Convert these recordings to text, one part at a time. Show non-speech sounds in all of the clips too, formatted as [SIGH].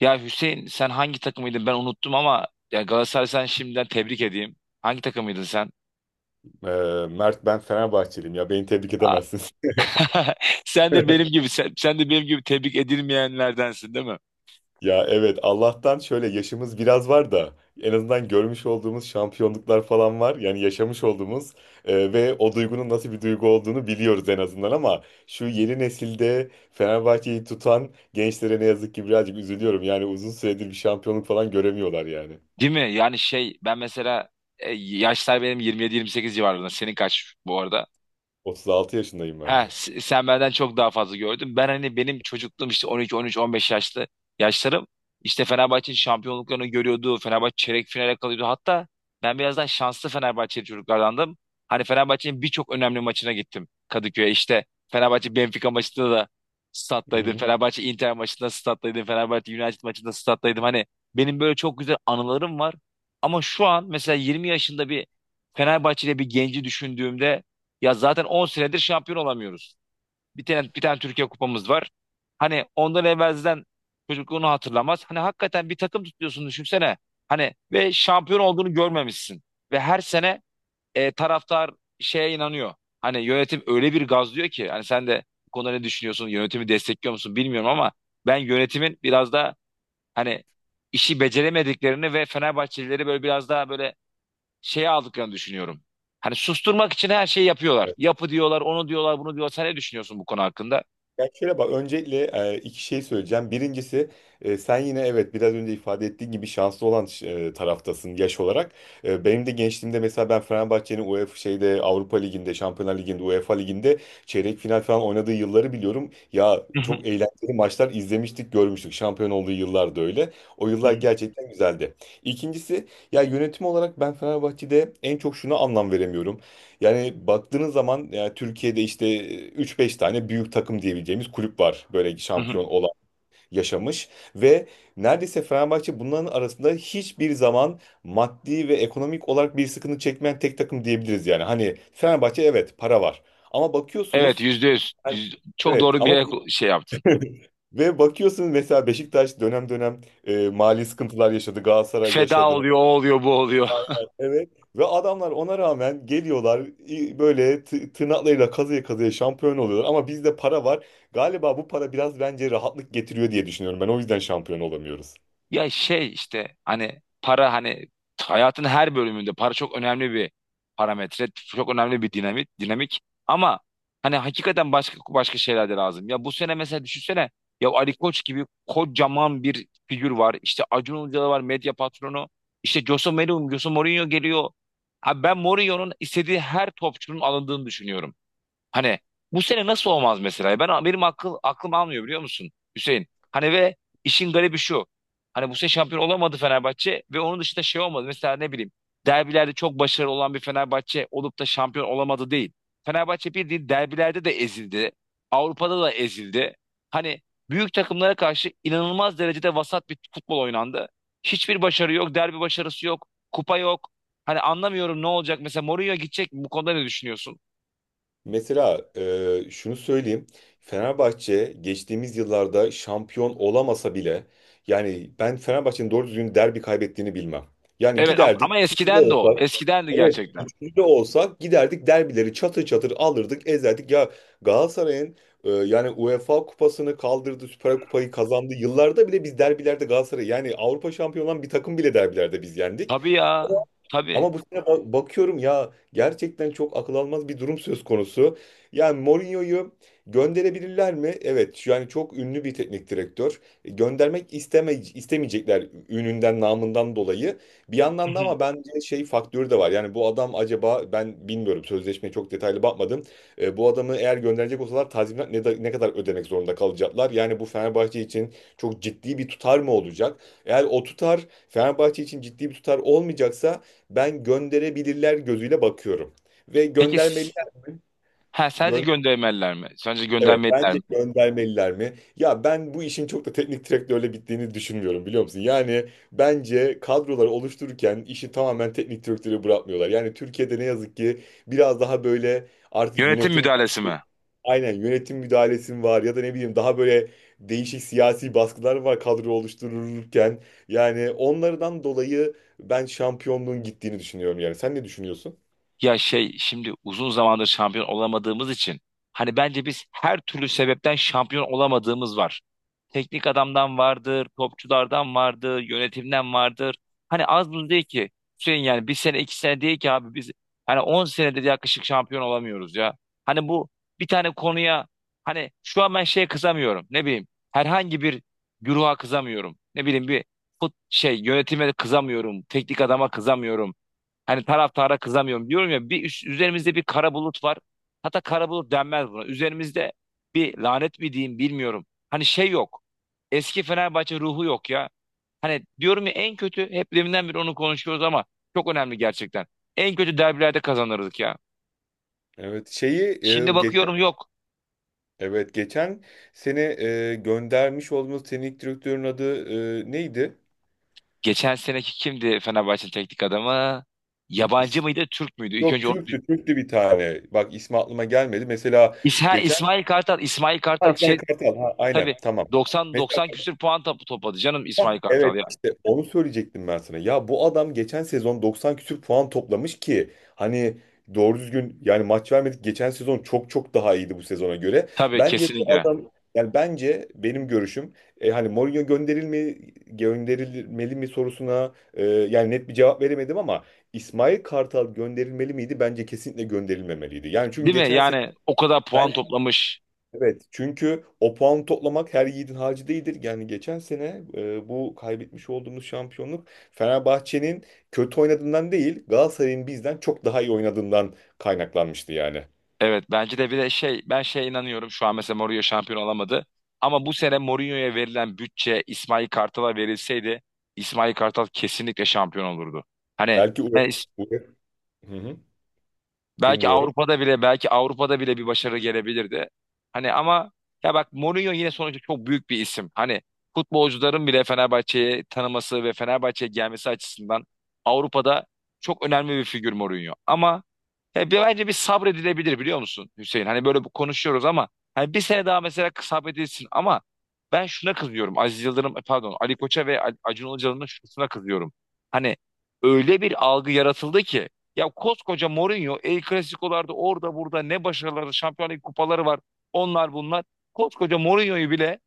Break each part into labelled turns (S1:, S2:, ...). S1: Ya Hüseyin, sen hangi takımıydın ben unuttum ama ya Galatasaray, sen şimdiden tebrik edeyim. Hangi takımıydın sen?
S2: Ee, Mert ben Fenerbahçeliyim ya beni tebrik
S1: Aa.
S2: edemezsin.
S1: [LAUGHS] Sen de benim
S2: [LAUGHS]
S1: gibi sen, sen de benim gibi tebrik edilmeyenlerdensin, değil mi?
S2: Ya evet, Allah'tan şöyle yaşımız biraz var da en azından görmüş olduğumuz şampiyonluklar falan var. Yani yaşamış olduğumuz ve o duygunun nasıl bir duygu olduğunu biliyoruz en azından, ama şu yeni nesilde Fenerbahçe'yi tutan gençlere ne yazık ki birazcık üzülüyorum. Yani uzun süredir bir şampiyonluk falan göremiyorlar yani.
S1: Değil mi? Yani şey, ben mesela yaşlar benim 27-28 civarında. Senin kaç bu arada?
S2: 36 yaşındayım ben
S1: Ha,
S2: de.
S1: sen benden çok daha fazla gördün. Ben hani, benim çocukluğum işte 12, 13, 15 yaşlarım. İşte Fenerbahçe'nin şampiyonluklarını görüyordu. Fenerbahçe çeyrek finale kalıyordu. Hatta ben birazdan şanslı Fenerbahçeli çocuklardandım. Hani Fenerbahçe'nin birçok önemli maçına gittim Kadıköy'e. İşte Fenerbahçe Benfica maçında da
S2: Hı
S1: stat'taydım.
S2: hı.
S1: Fenerbahçe Inter maçında stat'taydım. Fenerbahçe United maçında stat'taydım. Hani benim böyle çok güzel anılarım var. Ama şu an mesela 20 yaşında bir Fenerbahçeli bir genci düşündüğümde, ya zaten 10 senedir şampiyon olamıyoruz. Bir tane bir tane Türkiye kupamız var. Hani ondan evvelden çocukluğunu hatırlamaz. Hani hakikaten bir takım tutuyorsun, düşünsene. Hani ve şampiyon olduğunu görmemişsin. Ve her sene taraftar şeye inanıyor. Hani yönetim öyle bir gazlıyor ki. Hani sen de bu konuda ne düşünüyorsun? Yönetimi destekliyor musun bilmiyorum ama ben yönetimin biraz da hani işi beceremediklerini ve Fenerbahçelileri böyle biraz daha böyle şeye aldıklarını düşünüyorum. Hani susturmak için her şeyi yapıyorlar. Yapı diyorlar, onu diyorlar, bunu diyorlar. Sen ne düşünüyorsun bu konu hakkında?
S2: Ya şöyle bak, öncelikle iki şey söyleyeceğim. Birincisi, sen yine, evet, biraz önce ifade ettiğin gibi şanslı olan taraftasın yaş olarak. Benim de gençliğimde mesela ben Fenerbahçe'nin UEFA şeyde Avrupa Ligi'nde, Şampiyonlar Ligi'nde, UEFA Ligi'nde çeyrek final falan oynadığı yılları biliyorum. Ya çok eğlenceli maçlar izlemiştik, görmüştük. Şampiyon olduğu yıllar da öyle. O yıllar
S1: [LAUGHS]
S2: gerçekten güzeldi. İkincisi, ya yönetim olarak ben Fenerbahçe'de en çok şuna anlam veremiyorum. Yani baktığınız zaman, yani Türkiye'de işte üç beş tane büyük takım diyebileceğimiz kulüp var. Böyle şampiyon olan, yaşamış ve neredeyse Fenerbahçe bunların arasında hiçbir zaman maddi ve ekonomik olarak bir sıkıntı çekmeyen tek takım diyebiliriz yani. Hani Fenerbahçe, evet, para var ama
S1: Evet,
S2: bakıyorsunuz
S1: %100.
S2: yani.
S1: Çok
S2: Evet
S1: doğru
S2: ama
S1: bir şey yaptın.
S2: [LAUGHS] ve bakıyorsunuz, mesela Beşiktaş dönem dönem mali sıkıntılar yaşadı, Galatasaray
S1: Feda
S2: yaşadı.
S1: oluyor, o oluyor, bu oluyor.
S2: Aynen. Evet. Ve adamlar ona rağmen geliyorlar, böyle tırnaklarıyla kazıya kazıya şampiyon oluyorlar. Ama bizde para var. Galiba bu para biraz, bence, rahatlık getiriyor diye düşünüyorum. Ben o yüzden şampiyon olamıyoruz.
S1: Ya şey, işte hani para, hani hayatın her bölümünde para çok önemli bir parametre, çok önemli bir dinamik, dinamik. Ama hani hakikaten başka başka şeyler de lazım. Ya bu sene mesela düşünsene, ya Ali Koç gibi kocaman bir figür var. İşte Acun Ilıcalı var, medya patronu. İşte Jose Mourinho, Jose Mourinho geliyor. Abi ben Mourinho'nun istediği her topçunun alındığını düşünüyorum. Hani bu sene nasıl olmaz mesela? Benim aklım almıyor, biliyor musun Hüseyin? Hani ve işin garibi şu. Hani bu sene şampiyon olamadı Fenerbahçe ve onun dışında şey olmadı. Mesela ne bileyim, derbilerde çok başarılı olan bir Fenerbahçe olup da şampiyon olamadı değil. Fenerbahçe bildiğin derbilerde de ezildi. Avrupa'da da ezildi. Hani büyük takımlara karşı inanılmaz derecede vasat bir futbol oynandı. Hiçbir başarı yok, derbi başarısı yok, kupa yok. Hani anlamıyorum ne olacak. Mesela Mourinho gidecek mi? Bu konuda ne düşünüyorsun?
S2: Mesela şunu söyleyeyim. Fenerbahçe geçtiğimiz yıllarda şampiyon olamasa bile, yani ben Fenerbahçe'nin doğru düzgün derbi kaybettiğini bilmem. Yani
S1: Evet ama,
S2: giderdik.
S1: ama eskiden de o. Eskiden de
S2: Evet,
S1: gerçekten.
S2: üçüncü de olsak giderdik, derbileri çatır çatır alırdık, ezerdik. Ya Galatasaray'ın yani UEFA kupasını kaldırdı, Süper Kupayı kazandı. Yıllarda bile biz derbilerde Galatasaray, yani Avrupa şampiyon olan bir takım bile, derbilerde biz yendik.
S1: Tabii ya. Tabii.
S2: Ama bu sene bakıyorum ya, gerçekten çok akıl almaz bir durum söz konusu. Yani Mourinho'yu gönderebilirler mi? Evet, yani çok ünlü bir teknik direktör. Göndermek istemeyecekler ününden, namından dolayı. Bir
S1: Hı
S2: yandan da,
S1: hı.
S2: ama bence şey faktörü de var. Yani bu adam, acaba, ben bilmiyorum, sözleşmeye çok detaylı bakmadım. Bu adamı eğer gönderecek olsalar tazminat ne kadar ödemek zorunda kalacaklar? Yani bu Fenerbahçe için çok ciddi bir tutar mı olacak? Eğer o tutar Fenerbahçe için ciddi bir tutar olmayacaksa, ben gönderebilirler gözüyle bakıyorum. Ve
S1: Peki,
S2: göndermeliler mi?
S1: ha, sadece
S2: Gön-
S1: göndermeliler mi? Sadece
S2: evet,
S1: göndermeliler
S2: bence
S1: mi?
S2: göndermeliler mi? Ya ben bu işin çok da teknik direktörle gittiğini düşünmüyorum, biliyor musun? Yani bence kadroları oluştururken işi tamamen teknik direktöre bırakmıyorlar. Yani Türkiye'de ne yazık ki biraz daha böyle artık
S1: Yönetim
S2: yönetim.
S1: müdahalesi mi?
S2: Aynen, yönetim müdahalesi mi var, ya da ne bileyim, daha böyle değişik siyasi baskılar var kadro oluştururken. Yani onlardan dolayı ben şampiyonluğun gittiğini düşünüyorum yani. Sen ne düşünüyorsun?
S1: Ya şey, şimdi uzun zamandır şampiyon olamadığımız için hani bence biz her türlü sebepten şampiyon olamadığımız var. Teknik adamdan vardır, topçulardan vardır, yönetimden vardır. Hani az buz değil ki. Hüseyin, yani bir sene iki sene değil ki abi, biz hani 10 senedir yaklaşık şampiyon olamıyoruz ya. Hani bu bir tane konuya, hani şu an ben şeye kızamıyorum, ne bileyim herhangi bir güruha kızamıyorum. Ne bileyim, bir şey yönetime kızamıyorum, teknik adama kızamıyorum. Hani taraftara kızamıyorum, diyorum ya, bir üzerimizde bir kara bulut var. Hatta kara bulut denmez buna. Üzerimizde bir lanet mi diyeyim bilmiyorum. Hani şey yok. Eski Fenerbahçe ruhu yok ya. Hani diyorum ya, en kötü hep deminden beri onu konuşuyoruz ama çok önemli gerçekten. En kötü derbilerde kazanırdık ya.
S2: Evet, şeyi
S1: Şimdi
S2: geçen,
S1: bakıyorum yok.
S2: evet, geçen seni göndermiş olduğumuz teknik direktörün adı neydi?
S1: Geçen seneki kimdi Fenerbahçe'nin teknik adamı? Yabancı
S2: İs-
S1: mıydı, Türk müydü? İlk
S2: Yok,
S1: önce onu
S2: Türk'tü, Türk'tü bir tane. Bak, ismi aklıma gelmedi. Mesela geçen,
S1: İsmail Kartal, İsmail
S2: ha,
S1: Kartal
S2: İsmail
S1: şey,
S2: Kartal. Ha, aynen,
S1: tabii
S2: tamam.
S1: 90 90 küsür puan topu topladı, canım
S2: Hah,
S1: İsmail Kartal
S2: evet,
S1: ya.
S2: işte onu söyleyecektim ben sana. Ya bu adam geçen sezon 90 küsür puan toplamış ki, hani doğru düzgün yani maç vermedik. Geçen sezon çok çok daha iyiydi bu sezona göre.
S1: Tabii,
S2: Bence bu
S1: kesinlikle.
S2: adam, yani bence, benim görüşüm hani Mourinho gönderilmeli mi sorusuna yani net bir cevap veremedim, ama İsmail Kartal gönderilmeli miydi? Bence kesinlikle gönderilmemeliydi. Yani çünkü
S1: Değil mi?
S2: geçen
S1: Yani o kadar puan
S2: sene.
S1: toplamış.
S2: Evet, çünkü o puan toplamak her yiğidin harcı değildir. Yani geçen sene bu kaybetmiş olduğumuz şampiyonluk Fenerbahçe'nin kötü oynadığından değil, Galatasaray'ın bizden çok daha iyi oynadığından kaynaklanmıştı yani.
S1: Evet, bence de bir de şey, ben şeye inanıyorum, şu an mesela Mourinho şampiyon olamadı. Ama bu sene Mourinho'ya verilen bütçe İsmail Kartal'a verilseydi, İsmail Kartal kesinlikle şampiyon olurdu. Hani
S2: Belki
S1: ben
S2: Ure- Ure- Hı hı,
S1: belki
S2: dinliyorum.
S1: Avrupa'da bile belki Avrupa'da bile bir başarı gelebilirdi. Hani ama, ya bak, Mourinho yine sonuçta çok büyük bir isim. Hani futbolcuların bile Fenerbahçe'yi tanıması ve Fenerbahçe'ye gelmesi açısından Avrupa'da çok önemli bir figür Mourinho. Ama ya bence bir sabredilebilir, biliyor musun Hüseyin? Hani böyle konuşuyoruz ama hani bir sene daha mesela sabredilsin, ama ben şuna kızıyorum. Aziz Yıldırım, pardon, Ali Koç'a ve Acun Ilıcalı'nın şuna kızıyorum. Hani öyle bir algı yaratıldı ki, ya koskoca Mourinho, El Clasico'larda orada burada ne başarıları, Şampiyonlar Ligi kupaları var. Onlar bunlar. Koskoca Mourinho'yu bile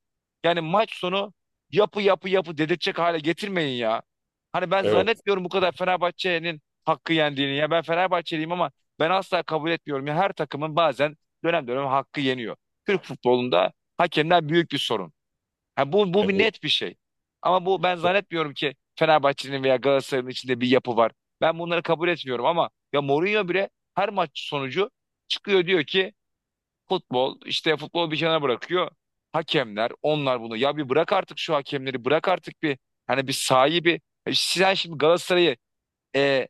S1: yani maç sonu yapı yapı yapı dedirtecek hale getirmeyin ya. Hani ben
S2: Evet,
S1: zannetmiyorum bu kadar Fenerbahçe'nin hakkı yendiğini. Ya ben Fenerbahçeliyim ama ben asla kabul etmiyorum. Ya her takımın bazen dönem dönem hakkı yeniyor. Türk futbolunda hakemler büyük bir sorun. Ha, bu bir
S2: evet.
S1: net bir şey. Ama bu, ben zannetmiyorum ki Fenerbahçe'nin veya Galatasaray'ın içinde bir yapı var. Ben bunları kabul etmiyorum, ama ya Mourinho bile her maç sonucu çıkıyor, diyor ki futbol işte, futbol bir kenara bırakıyor. Hakemler, onlar, bunu ya bir bırak artık şu hakemleri, bırak artık bir hani bir sahibi. Sen şimdi Galatasaray'ı, e,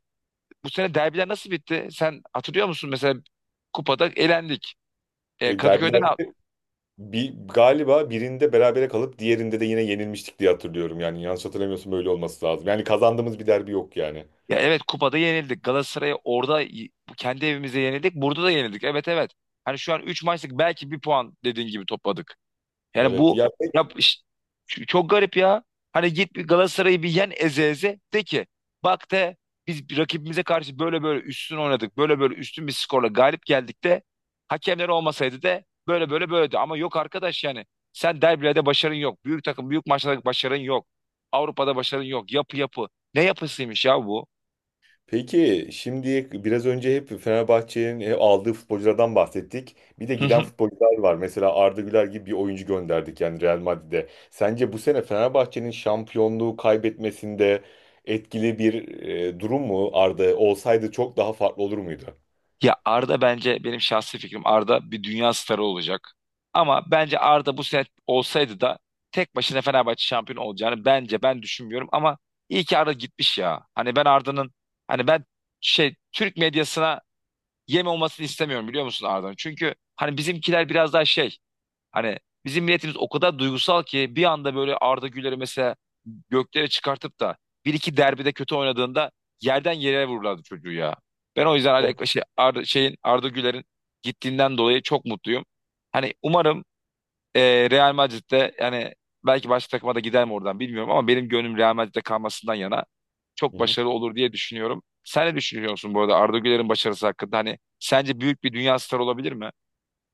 S1: bu sene derbiler nasıl bitti? Sen hatırlıyor musun mesela, kupada elendik.
S2: E,
S1: Kadıköy'de ne yap-
S2: derbilerde galiba birinde berabere kalıp diğerinde de yine yenilmiştik diye hatırlıyorum. Yani yanlış hatırlamıyorsun, böyle olması lazım. Yani kazandığımız bir derbi yok yani.
S1: Ya evet, kupada yenildik. Galatasaray'a orada kendi evimizde yenildik. Burada da yenildik. Evet, evet. Hani şu an 3 maçlık belki bir puan, dediğin gibi, topladık. Yani
S2: Evet.
S1: bu
S2: Ya,
S1: ya çok garip ya. Hani git bir Galatasaray'ı bir yen, eze eze de ki bak, de biz rakibimize karşı böyle böyle üstün oynadık. Böyle böyle üstün bir skorla galip geldik, de hakemler olmasaydı, de böyle böyle böyledi. Ama yok arkadaş yani. Sen derbilerde başarın yok. Büyük takım, büyük maçlarda başarın yok. Avrupa'da başarın yok. Yapı yapı. Ne yapısıymış ya bu?
S2: peki şimdi biraz önce hep Fenerbahçe'nin hep aldığı futbolculardan bahsettik. Bir de giden
S1: [LAUGHS]
S2: futbolcular var. Mesela Arda Güler gibi bir oyuncu gönderdik yani Real Madrid'e. Sence bu sene Fenerbahçe'nin şampiyonluğu kaybetmesinde etkili bir durum mu Arda? Olsaydı çok daha farklı olur muydu?
S1: Ya Arda, bence, benim şahsi fikrim Arda bir dünya starı olacak. Ama bence Arda bu sene olsaydı da tek başına Fenerbahçe şampiyon olacağını bence ben düşünmüyorum, ama iyi ki Arda gitmiş ya. Hani ben Arda'nın, hani ben şey Türk medyasına yem olmasını istemiyorum, biliyor musun Arda'nın? Çünkü hani bizimkiler biraz daha şey. Hani bizim milletimiz o kadar duygusal ki bir anda böyle Arda Güler'i mesela göklere çıkartıp da bir iki derbide kötü oynadığında yerden yere vururlardı çocuğu ya. Ben o yüzden
S2: O...
S1: Arda Güler'in gittiğinden dolayı çok mutluyum. Hani umarım Real Madrid'de, yani belki başka takıma da gider mi oradan bilmiyorum ama benim gönlüm Real Madrid'de kalmasından yana,
S2: Hı
S1: çok
S2: hı.
S1: başarılı olur diye düşünüyorum. Sen ne düşünüyorsun bu arada Arda Güler'in başarısı hakkında? Hani sence büyük bir dünya starı olabilir mi?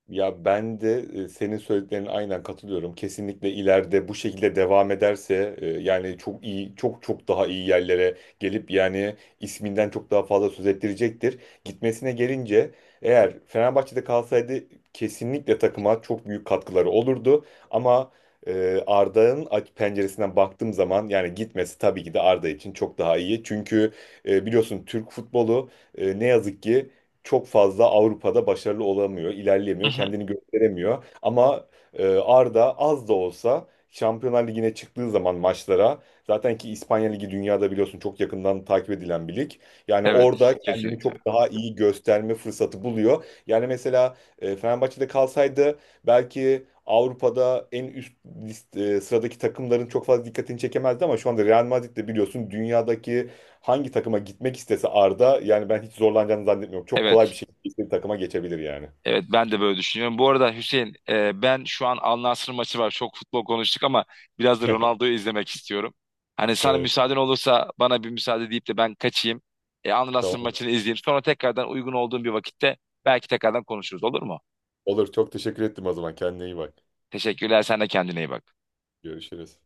S2: Ya ben de senin söylediklerine aynen katılıyorum. Kesinlikle ileride bu şekilde devam ederse yani çok iyi, çok çok daha iyi yerlere gelip yani isminden çok daha fazla söz ettirecektir. Gitmesine gelince, eğer Fenerbahçe'de kalsaydı kesinlikle takıma çok büyük katkıları olurdu. Ama Arda'nın penceresinden baktığım zaman yani gitmesi tabii ki de Arda için çok daha iyi. Çünkü biliyorsun Türk futbolu ne yazık ki çok fazla Avrupa'da başarılı olamıyor,
S1: Hı
S2: ilerleyemiyor,
S1: hı.
S2: kendini gösteremiyor. Ama Arda az da olsa Şampiyonlar Ligi'ne çıktığı zaman maçlara, zaten ki İspanya Ligi dünyada biliyorsun çok yakından takip edilen bir lig. Yani
S1: Evet,
S2: orada kendini
S1: kesinlikle.
S2: çok daha iyi gösterme fırsatı buluyor. Yani mesela Fenerbahçe'de kalsaydı belki Avrupa'da en üst sıradaki takımların çok fazla dikkatini çekemezdi, ama şu anda Real Madrid de biliyorsun dünyadaki hangi takıma gitmek istese Arda, yani ben hiç zorlanacağını zannetmiyorum. Çok kolay bir
S1: Evet.
S2: şekilde istediği takıma geçebilir yani.
S1: Evet, ben de böyle düşünüyorum. Bu arada Hüseyin, ben şu an Al Nassr maçı var. Çok futbol konuştuk ama biraz da Ronaldo'yu izlemek istiyorum. Hani sana
S2: Evet.
S1: müsaaden olursa bana bir müsaade deyip de ben kaçayım. Al Nassr
S2: Tamam.
S1: maçını izleyeyim. Sonra tekrardan uygun olduğum bir vakitte belki tekrardan konuşuruz, olur mu?
S2: Olur. Çok teşekkür ettim o zaman. Kendine iyi bak.
S1: Teşekkürler. Sen de kendine iyi bak.
S2: Görüşürüz.